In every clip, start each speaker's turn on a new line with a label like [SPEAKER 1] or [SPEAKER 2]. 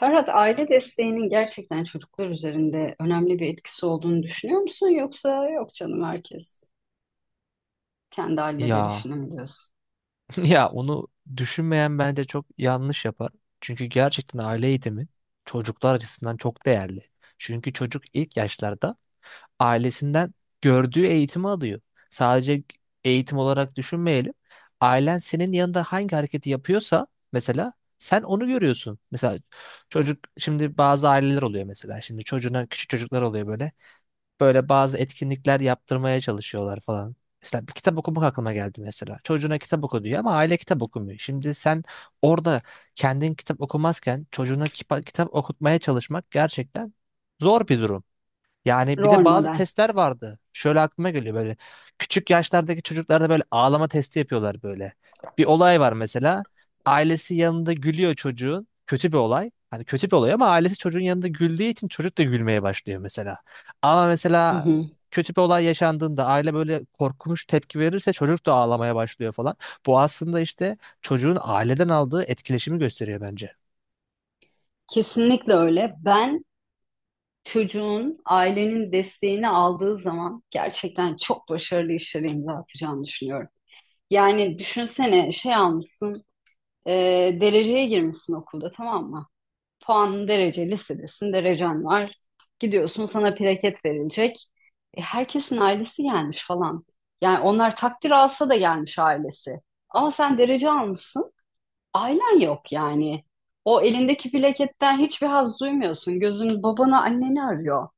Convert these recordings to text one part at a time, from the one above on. [SPEAKER 1] Ferhat, aile desteğinin gerçekten çocuklar üzerinde önemli bir etkisi olduğunu düşünüyor musun? Yoksa yok canım herkes kendi halleder
[SPEAKER 2] Ya
[SPEAKER 1] işini mi diyorsun?
[SPEAKER 2] ya onu düşünmeyen bence çok yanlış yapar. Çünkü gerçekten aile eğitimi çocuklar açısından çok değerli. Çünkü çocuk ilk yaşlarda ailesinden gördüğü eğitimi alıyor. Sadece eğitim olarak düşünmeyelim. Ailen senin yanında hangi hareketi yapıyorsa mesela sen onu görüyorsun. Mesela çocuk şimdi bazı aileler oluyor mesela. Şimdi çocuğuna küçük çocuklar oluyor böyle bazı etkinlikler yaptırmaya çalışıyorlar falan. Mesela bir kitap okumak aklıma geldi mesela. Çocuğuna kitap oku diyor ama aile kitap okumuyor. Şimdi sen orada kendin kitap okumazken çocuğuna kitap okutmaya çalışmak gerçekten zor bir durum. Yani bir
[SPEAKER 1] Rol
[SPEAKER 2] de bazı
[SPEAKER 1] model.
[SPEAKER 2] testler vardı. Şöyle aklıma geliyor böyle. Küçük yaşlardaki çocuklarda böyle ağlama testi yapıyorlar böyle. Bir olay var mesela. Ailesi yanında gülüyor çocuğun. Kötü bir olay. Hani kötü bir olay ama ailesi çocuğun yanında güldüğü için çocuk da gülmeye başlıyor mesela. Ama
[SPEAKER 1] Hı
[SPEAKER 2] mesela
[SPEAKER 1] hı.
[SPEAKER 2] kötü bir olay yaşandığında aile böyle korkunç tepki verirse çocuk da ağlamaya başlıyor falan. Bu aslında işte çocuğun aileden aldığı etkileşimi gösteriyor bence.
[SPEAKER 1] Kesinlikle öyle. Ben çocuğun ailenin desteğini aldığı zaman gerçekten çok başarılı işlere imza atacağını düşünüyorum. Yani düşünsene şey almışsın, e, dereceye girmişsin okulda, tamam mı? Puan derece listedesin, derecen var. Gidiyorsun, sana plaket verilecek. Herkesin ailesi gelmiş falan. Yani onlar takdir alsa da gelmiş ailesi. Ama sen derece almışsın, ailen yok yani. O elindeki plaketten hiçbir haz duymuyorsun. Gözün babana, anneni arıyor.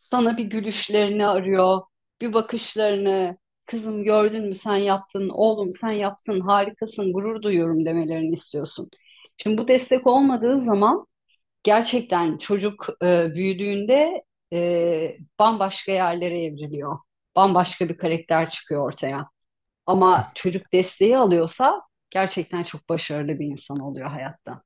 [SPEAKER 1] Sana bir gülüşlerini arıyor, bir bakışlarını. Kızım gördün mü, sen yaptın, oğlum sen yaptın, harikasın, gurur duyuyorum demelerini istiyorsun. Şimdi bu destek olmadığı zaman gerçekten çocuk, büyüdüğünde bambaşka yerlere evriliyor. Bambaşka bir karakter çıkıyor ortaya. Ama çocuk desteği alıyorsa gerçekten çok başarılı bir insan oluyor hayatta.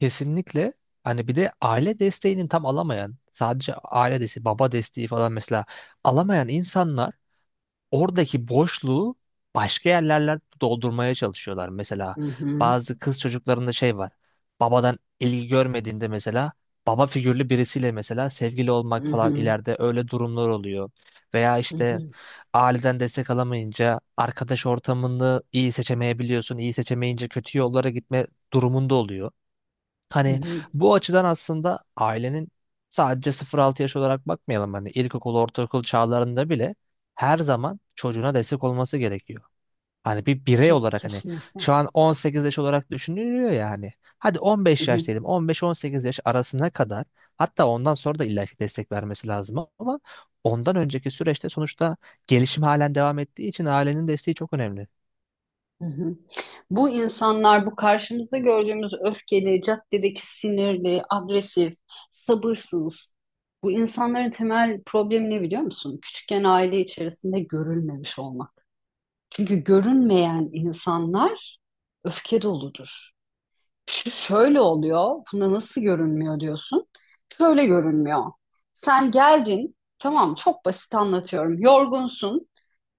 [SPEAKER 2] Kesinlikle. Hani bir de aile desteğinin tam alamayan, sadece aile desteği, baba desteği falan mesela alamayan insanlar oradaki boşluğu başka yerlerle doldurmaya çalışıyorlar. Mesela
[SPEAKER 1] Hı hı,
[SPEAKER 2] bazı kız çocuklarında şey var. Babadan ilgi görmediğinde mesela baba figürlü birisiyle mesela sevgili
[SPEAKER 1] hı
[SPEAKER 2] olmak falan
[SPEAKER 1] hı,
[SPEAKER 2] ileride öyle durumlar oluyor. Veya
[SPEAKER 1] hı
[SPEAKER 2] işte
[SPEAKER 1] hı,
[SPEAKER 2] aileden destek alamayınca arkadaş ortamını iyi seçemeyebiliyorsun. İyi seçemeyince kötü yollara gitme durumunda oluyor.
[SPEAKER 1] hı
[SPEAKER 2] Hani
[SPEAKER 1] hı.
[SPEAKER 2] bu açıdan aslında ailenin sadece 0-6 yaş olarak bakmayalım. Hani ilkokul, ortaokul çağlarında bile her zaman çocuğuna destek olması gerekiyor. Hani bir birey olarak hani
[SPEAKER 1] Kesinlikle.
[SPEAKER 2] şu an 18 yaş olarak düşünülüyor ya hani. Hadi
[SPEAKER 1] Hı
[SPEAKER 2] 15 yaş
[SPEAKER 1] hı.
[SPEAKER 2] diyelim. 15-18 yaş arasına kadar hatta ondan sonra da illaki destek vermesi lazım ama ondan önceki süreçte sonuçta gelişim halen devam ettiği için ailenin desteği çok önemli.
[SPEAKER 1] Hı hı. Bu insanlar, bu karşımızda gördüğümüz öfkeli, caddedeki sinirli, agresif, sabırsız. Bu insanların temel problemi ne biliyor musun? Küçükken aile içerisinde görülmemiş olmak. Çünkü görünmeyen insanlar öfke doludur. Şu şöyle oluyor, buna nasıl görünmüyor diyorsun. Şöyle görünmüyor. Sen geldin, tamam, çok basit anlatıyorum. Yorgunsun,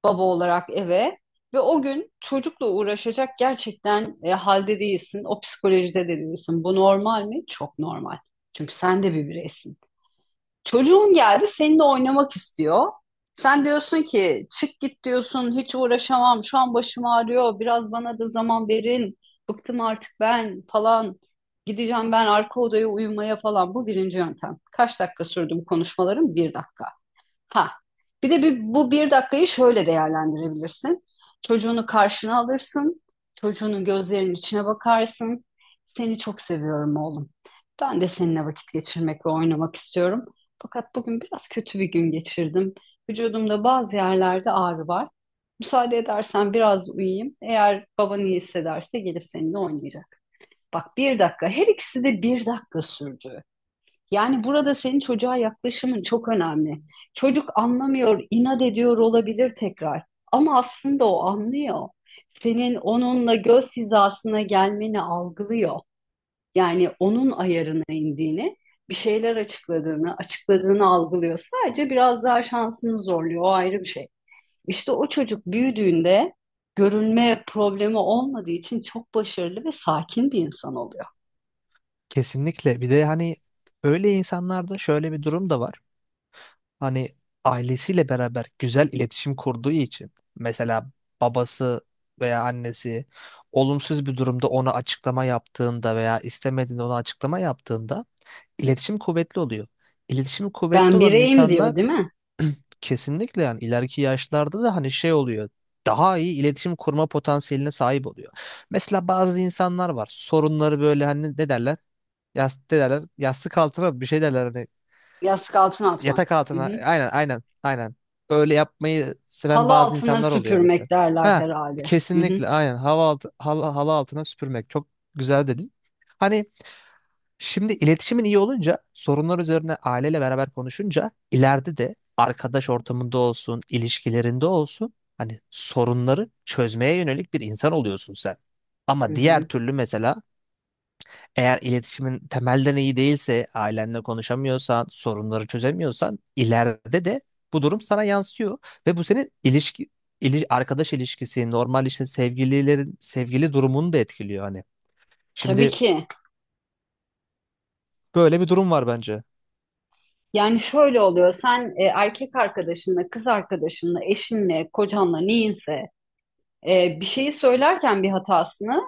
[SPEAKER 1] baba olarak eve ve o gün çocukla uğraşacak gerçekten halde değilsin, o psikolojide de değilsin. Bu normal mi? Çok normal. Çünkü sen de bir bireysin. Çocuğun geldi seninle oynamak istiyor. Sen diyorsun ki çık git diyorsun, hiç uğraşamam şu an, başım ağrıyor, biraz bana da zaman verin, bıktım artık ben falan, gideceğim ben arka odaya uyumaya falan. Bu birinci yöntem. Kaç dakika sürdü bu konuşmalarım? Bir dakika. Ha. Bir de bu bir dakikayı şöyle değerlendirebilirsin. Çocuğunu karşına alırsın. Çocuğunun gözlerinin içine bakarsın. Seni çok seviyorum oğlum. Ben de seninle vakit geçirmek ve oynamak istiyorum. Fakat bugün biraz kötü bir gün geçirdim. Vücudumda bazı yerlerde ağrı var. Müsaade edersen biraz uyuyayım. Eğer baban iyi hissederse gelip seninle oynayacak. Bak, bir dakika. Her ikisi de bir dakika sürdü. Yani burada senin çocuğa yaklaşımın çok önemli. Çocuk anlamıyor, inat ediyor olabilir tekrar. Ama aslında o anlıyor. Senin onunla göz hizasına gelmeni algılıyor. Yani onun ayarına indiğini, bir şeyler açıkladığını algılıyor. Sadece biraz daha şansını zorluyor, o ayrı bir şey. İşte o çocuk büyüdüğünde görünme problemi olmadığı için çok başarılı ve sakin bir insan oluyor.
[SPEAKER 2] Kesinlikle. Bir de hani öyle insanlarda şöyle bir durum da var. Hani ailesiyle beraber güzel iletişim kurduğu için mesela babası veya annesi olumsuz bir durumda ona açıklama yaptığında veya istemediğinde ona açıklama yaptığında iletişim kuvvetli oluyor. İletişimi kuvvetli
[SPEAKER 1] Ben
[SPEAKER 2] olan
[SPEAKER 1] bireyim
[SPEAKER 2] insanlar
[SPEAKER 1] diyor, değil mi?
[SPEAKER 2] kesinlikle yani ileriki yaşlarda da hani şey oluyor. Daha iyi iletişim kurma potansiyeline sahip oluyor. Mesela bazı insanlar var. Sorunları böyle hani ne derler? Yastık derler. Yastık altına bir şey derler. Hani
[SPEAKER 1] Yastık altına
[SPEAKER 2] yatak
[SPEAKER 1] atmak. Hı
[SPEAKER 2] altına.
[SPEAKER 1] hı.
[SPEAKER 2] Aynen, aynen, aynen. Öyle yapmayı seven
[SPEAKER 1] Halı
[SPEAKER 2] bazı
[SPEAKER 1] altına
[SPEAKER 2] insanlar oluyor mesela.
[SPEAKER 1] süpürmek derler
[SPEAKER 2] Ha,
[SPEAKER 1] herhalde. Hı hı,
[SPEAKER 2] kesinlikle aynen. Hava altı, halı altına süpürmek. Çok güzel dedin. Hani şimdi iletişimin iyi olunca sorunlar üzerine aileyle beraber konuşunca ileride de arkadaş ortamında olsun, ilişkilerinde olsun hani sorunları çözmeye yönelik bir insan oluyorsun sen.
[SPEAKER 1] hı
[SPEAKER 2] Ama diğer
[SPEAKER 1] hı.
[SPEAKER 2] türlü mesela eğer iletişimin temelden iyi değilse, ailenle konuşamıyorsan, sorunları çözemiyorsan ileride de bu durum sana yansıyor ve bu senin ilişki arkadaş ilişkisi, normal işte sevgililerin sevgili durumunu da etkiliyor hani.
[SPEAKER 1] Tabii
[SPEAKER 2] Şimdi
[SPEAKER 1] ki.
[SPEAKER 2] böyle bir durum var bence.
[SPEAKER 1] Yani şöyle oluyor. Sen erkek arkadaşınla, kız arkadaşınla, eşinle, kocanla neyinse, bir şeyi söylerken bir hatasını,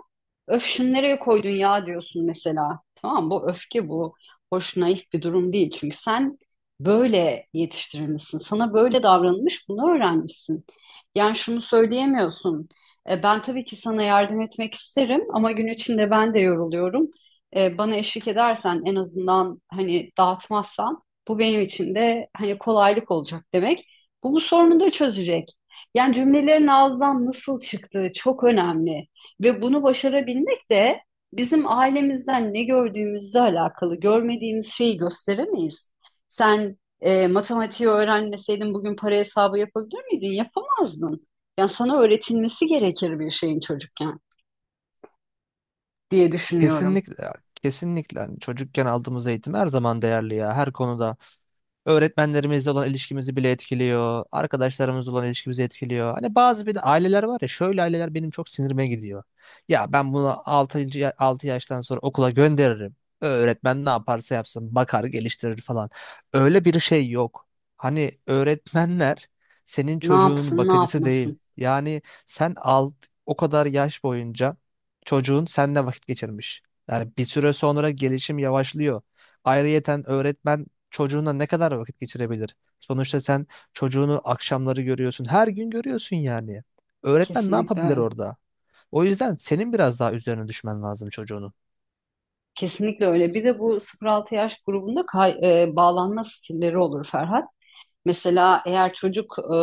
[SPEAKER 1] öf şunu nereye koydun ya diyorsun mesela. Tamam, bu öfke bu. Hoş naif bir durum değil. Çünkü sen böyle yetiştirilmişsin. Sana böyle davranılmış, bunu öğrenmişsin. Yani şunu söyleyemiyorsun. Ben tabii ki sana yardım etmek isterim ama gün içinde ben de yoruluyorum. Bana eşlik edersen en azından, hani dağıtmazsan bu benim için de hani kolaylık olacak demek. Bu sorunu da çözecek. Yani cümlelerin ağızdan nasıl çıktığı çok önemli. Ve bunu başarabilmek de bizim ailemizden ne gördüğümüzle alakalı. Görmediğimiz şeyi gösteremeyiz. Sen matematiği öğrenmeseydin bugün para hesabı yapabilir miydin? Yapamazdın. Yani sana öğretilmesi gerekir bir şeyin çocukken diye düşünüyorum.
[SPEAKER 2] Kesinlikle kesinlikle. Hani çocukken aldığımız eğitim her zaman değerli ya her konuda. Öğretmenlerimizle olan ilişkimizi bile etkiliyor. Arkadaşlarımızla olan ilişkimizi etkiliyor. Hani bazı bir de aileler var ya şöyle aileler benim çok sinirime gidiyor. Ya ben bunu 6. 6 yaştan sonra okula gönderirim. Öğretmen ne yaparsa yapsın bakar geliştirir falan. Öyle bir şey yok. Hani öğretmenler senin
[SPEAKER 1] Ne
[SPEAKER 2] çocuğunun
[SPEAKER 1] yapsın, ne
[SPEAKER 2] bakıcısı değil.
[SPEAKER 1] yapmasın?
[SPEAKER 2] Yani sen alt o kadar yaş boyunca çocuğun seninle vakit geçirmiş. Yani bir süre sonra gelişim yavaşlıyor. Ayrıyeten öğretmen çocuğuna ne kadar vakit geçirebilir? Sonuçta sen çocuğunu akşamları görüyorsun. Her gün görüyorsun yani. Öğretmen ne
[SPEAKER 1] Kesinlikle
[SPEAKER 2] yapabilir
[SPEAKER 1] öyle.
[SPEAKER 2] orada? O yüzden senin biraz daha üzerine düşmen lazım çocuğunun.
[SPEAKER 1] Kesinlikle öyle. Bir de bu 0-6 yaş grubunda bağlanma stilleri olur Ferhat. Mesela eğer çocuk,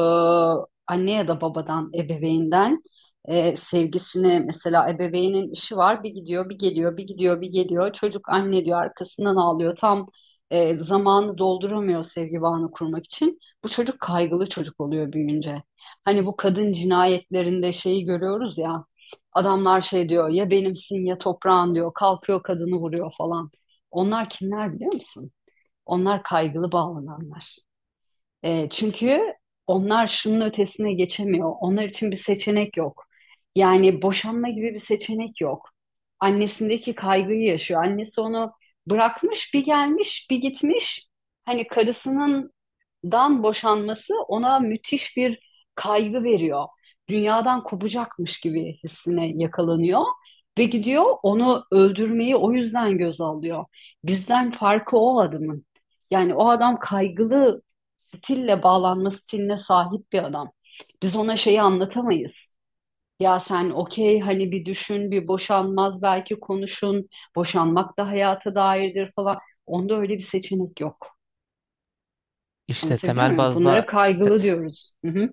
[SPEAKER 1] anne ya da babadan, ebeveyinden sevgisini, mesela ebeveynin işi var, bir gidiyor bir geliyor bir gidiyor bir geliyor, çocuk anne diyor arkasından ağlıyor, tam zamanı dolduramıyor sevgi bağını kurmak için, bu çocuk kaygılı çocuk oluyor büyüyünce. Hani bu kadın cinayetlerinde şeyi görüyoruz ya, adamlar şey diyor ya, benimsin ya, toprağın diyor, kalkıyor kadını vuruyor falan. Onlar kimler biliyor musun? Onlar kaygılı bağlananlar. Çünkü onlar şunun ötesine geçemiyor. Onlar için bir seçenek yok. Yani boşanma gibi bir seçenek yok. Annesindeki kaygıyı yaşıyor. Annesi onu bırakmış, bir gelmiş, bir gitmiş. Hani karısının dan boşanması ona müthiş bir kaygı veriyor. Dünyadan kopacakmış gibi hissine yakalanıyor ve gidiyor onu öldürmeyi o yüzden göz alıyor. Bizden farkı o adamın. Yani o adam kaygılı stille bağlanma stiline sahip bir adam. Biz ona şeyi anlatamayız. Ya sen okey, hani bir düşün, bir boşanmaz, belki konuşun. Boşanmak da hayata dairdir falan. Onda öyle bir seçenek yok.
[SPEAKER 2] İşte
[SPEAKER 1] Anlatabiliyor
[SPEAKER 2] temel
[SPEAKER 1] muyum? Bunlara
[SPEAKER 2] bazda te-
[SPEAKER 1] kaygılı diyoruz. Hı hı,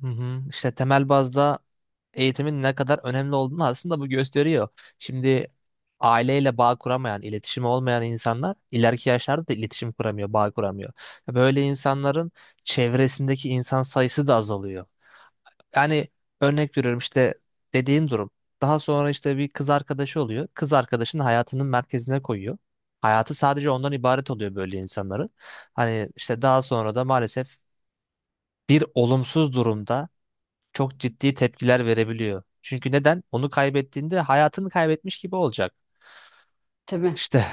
[SPEAKER 2] hı hı. işte temel bazda eğitimin ne kadar önemli olduğunu aslında bu gösteriyor. Şimdi aileyle bağ kuramayan, iletişimi olmayan insanlar ileriki yaşlarda da iletişim kuramıyor, bağ kuramıyor. Böyle insanların çevresindeki insan sayısı da azalıyor. Yani örnek veriyorum işte dediğin durum. Daha sonra işte bir kız arkadaşı oluyor. Kız arkadaşını hayatının merkezine koyuyor. Hayatı sadece ondan ibaret oluyor böyle insanların. Hani işte daha sonra da maalesef bir olumsuz durumda çok ciddi tepkiler verebiliyor. Çünkü neden? Onu kaybettiğinde hayatını kaybetmiş gibi olacak.
[SPEAKER 1] tabii.
[SPEAKER 2] İşte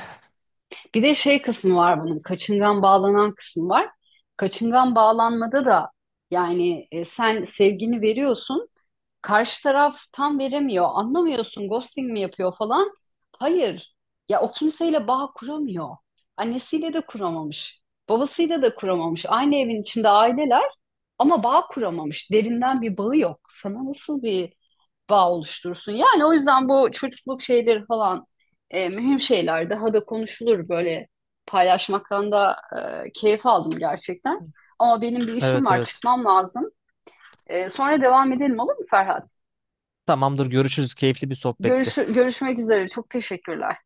[SPEAKER 1] Bir de şey kısmı var bunun. Kaçıngan bağlanan kısmı var. Kaçıngan bağlanmada da yani, sen sevgini veriyorsun, karşı taraf tam veremiyor. Anlamıyorsun, ghosting mi yapıyor falan. Hayır. Ya o kimseyle bağ kuramıyor. Annesiyle de kuramamış. Babasıyla da kuramamış. Aynı evin içinde aileler ama bağ kuramamış. Derinden bir bağı yok. Sana nasıl bir bağ oluşturursun? Yani o yüzden bu çocukluk şeyleri falan mühim şeyler. Daha da konuşulur böyle, paylaşmaktan da keyif aldım gerçekten. Ama benim bir işim
[SPEAKER 2] evet
[SPEAKER 1] var,
[SPEAKER 2] evet.
[SPEAKER 1] çıkmam lazım. Sonra devam edelim olur mu Ferhat?
[SPEAKER 2] Tamamdır, görüşürüz. Keyifli bir sohbetti.
[SPEAKER 1] Görüşmek üzere. Çok teşekkürler.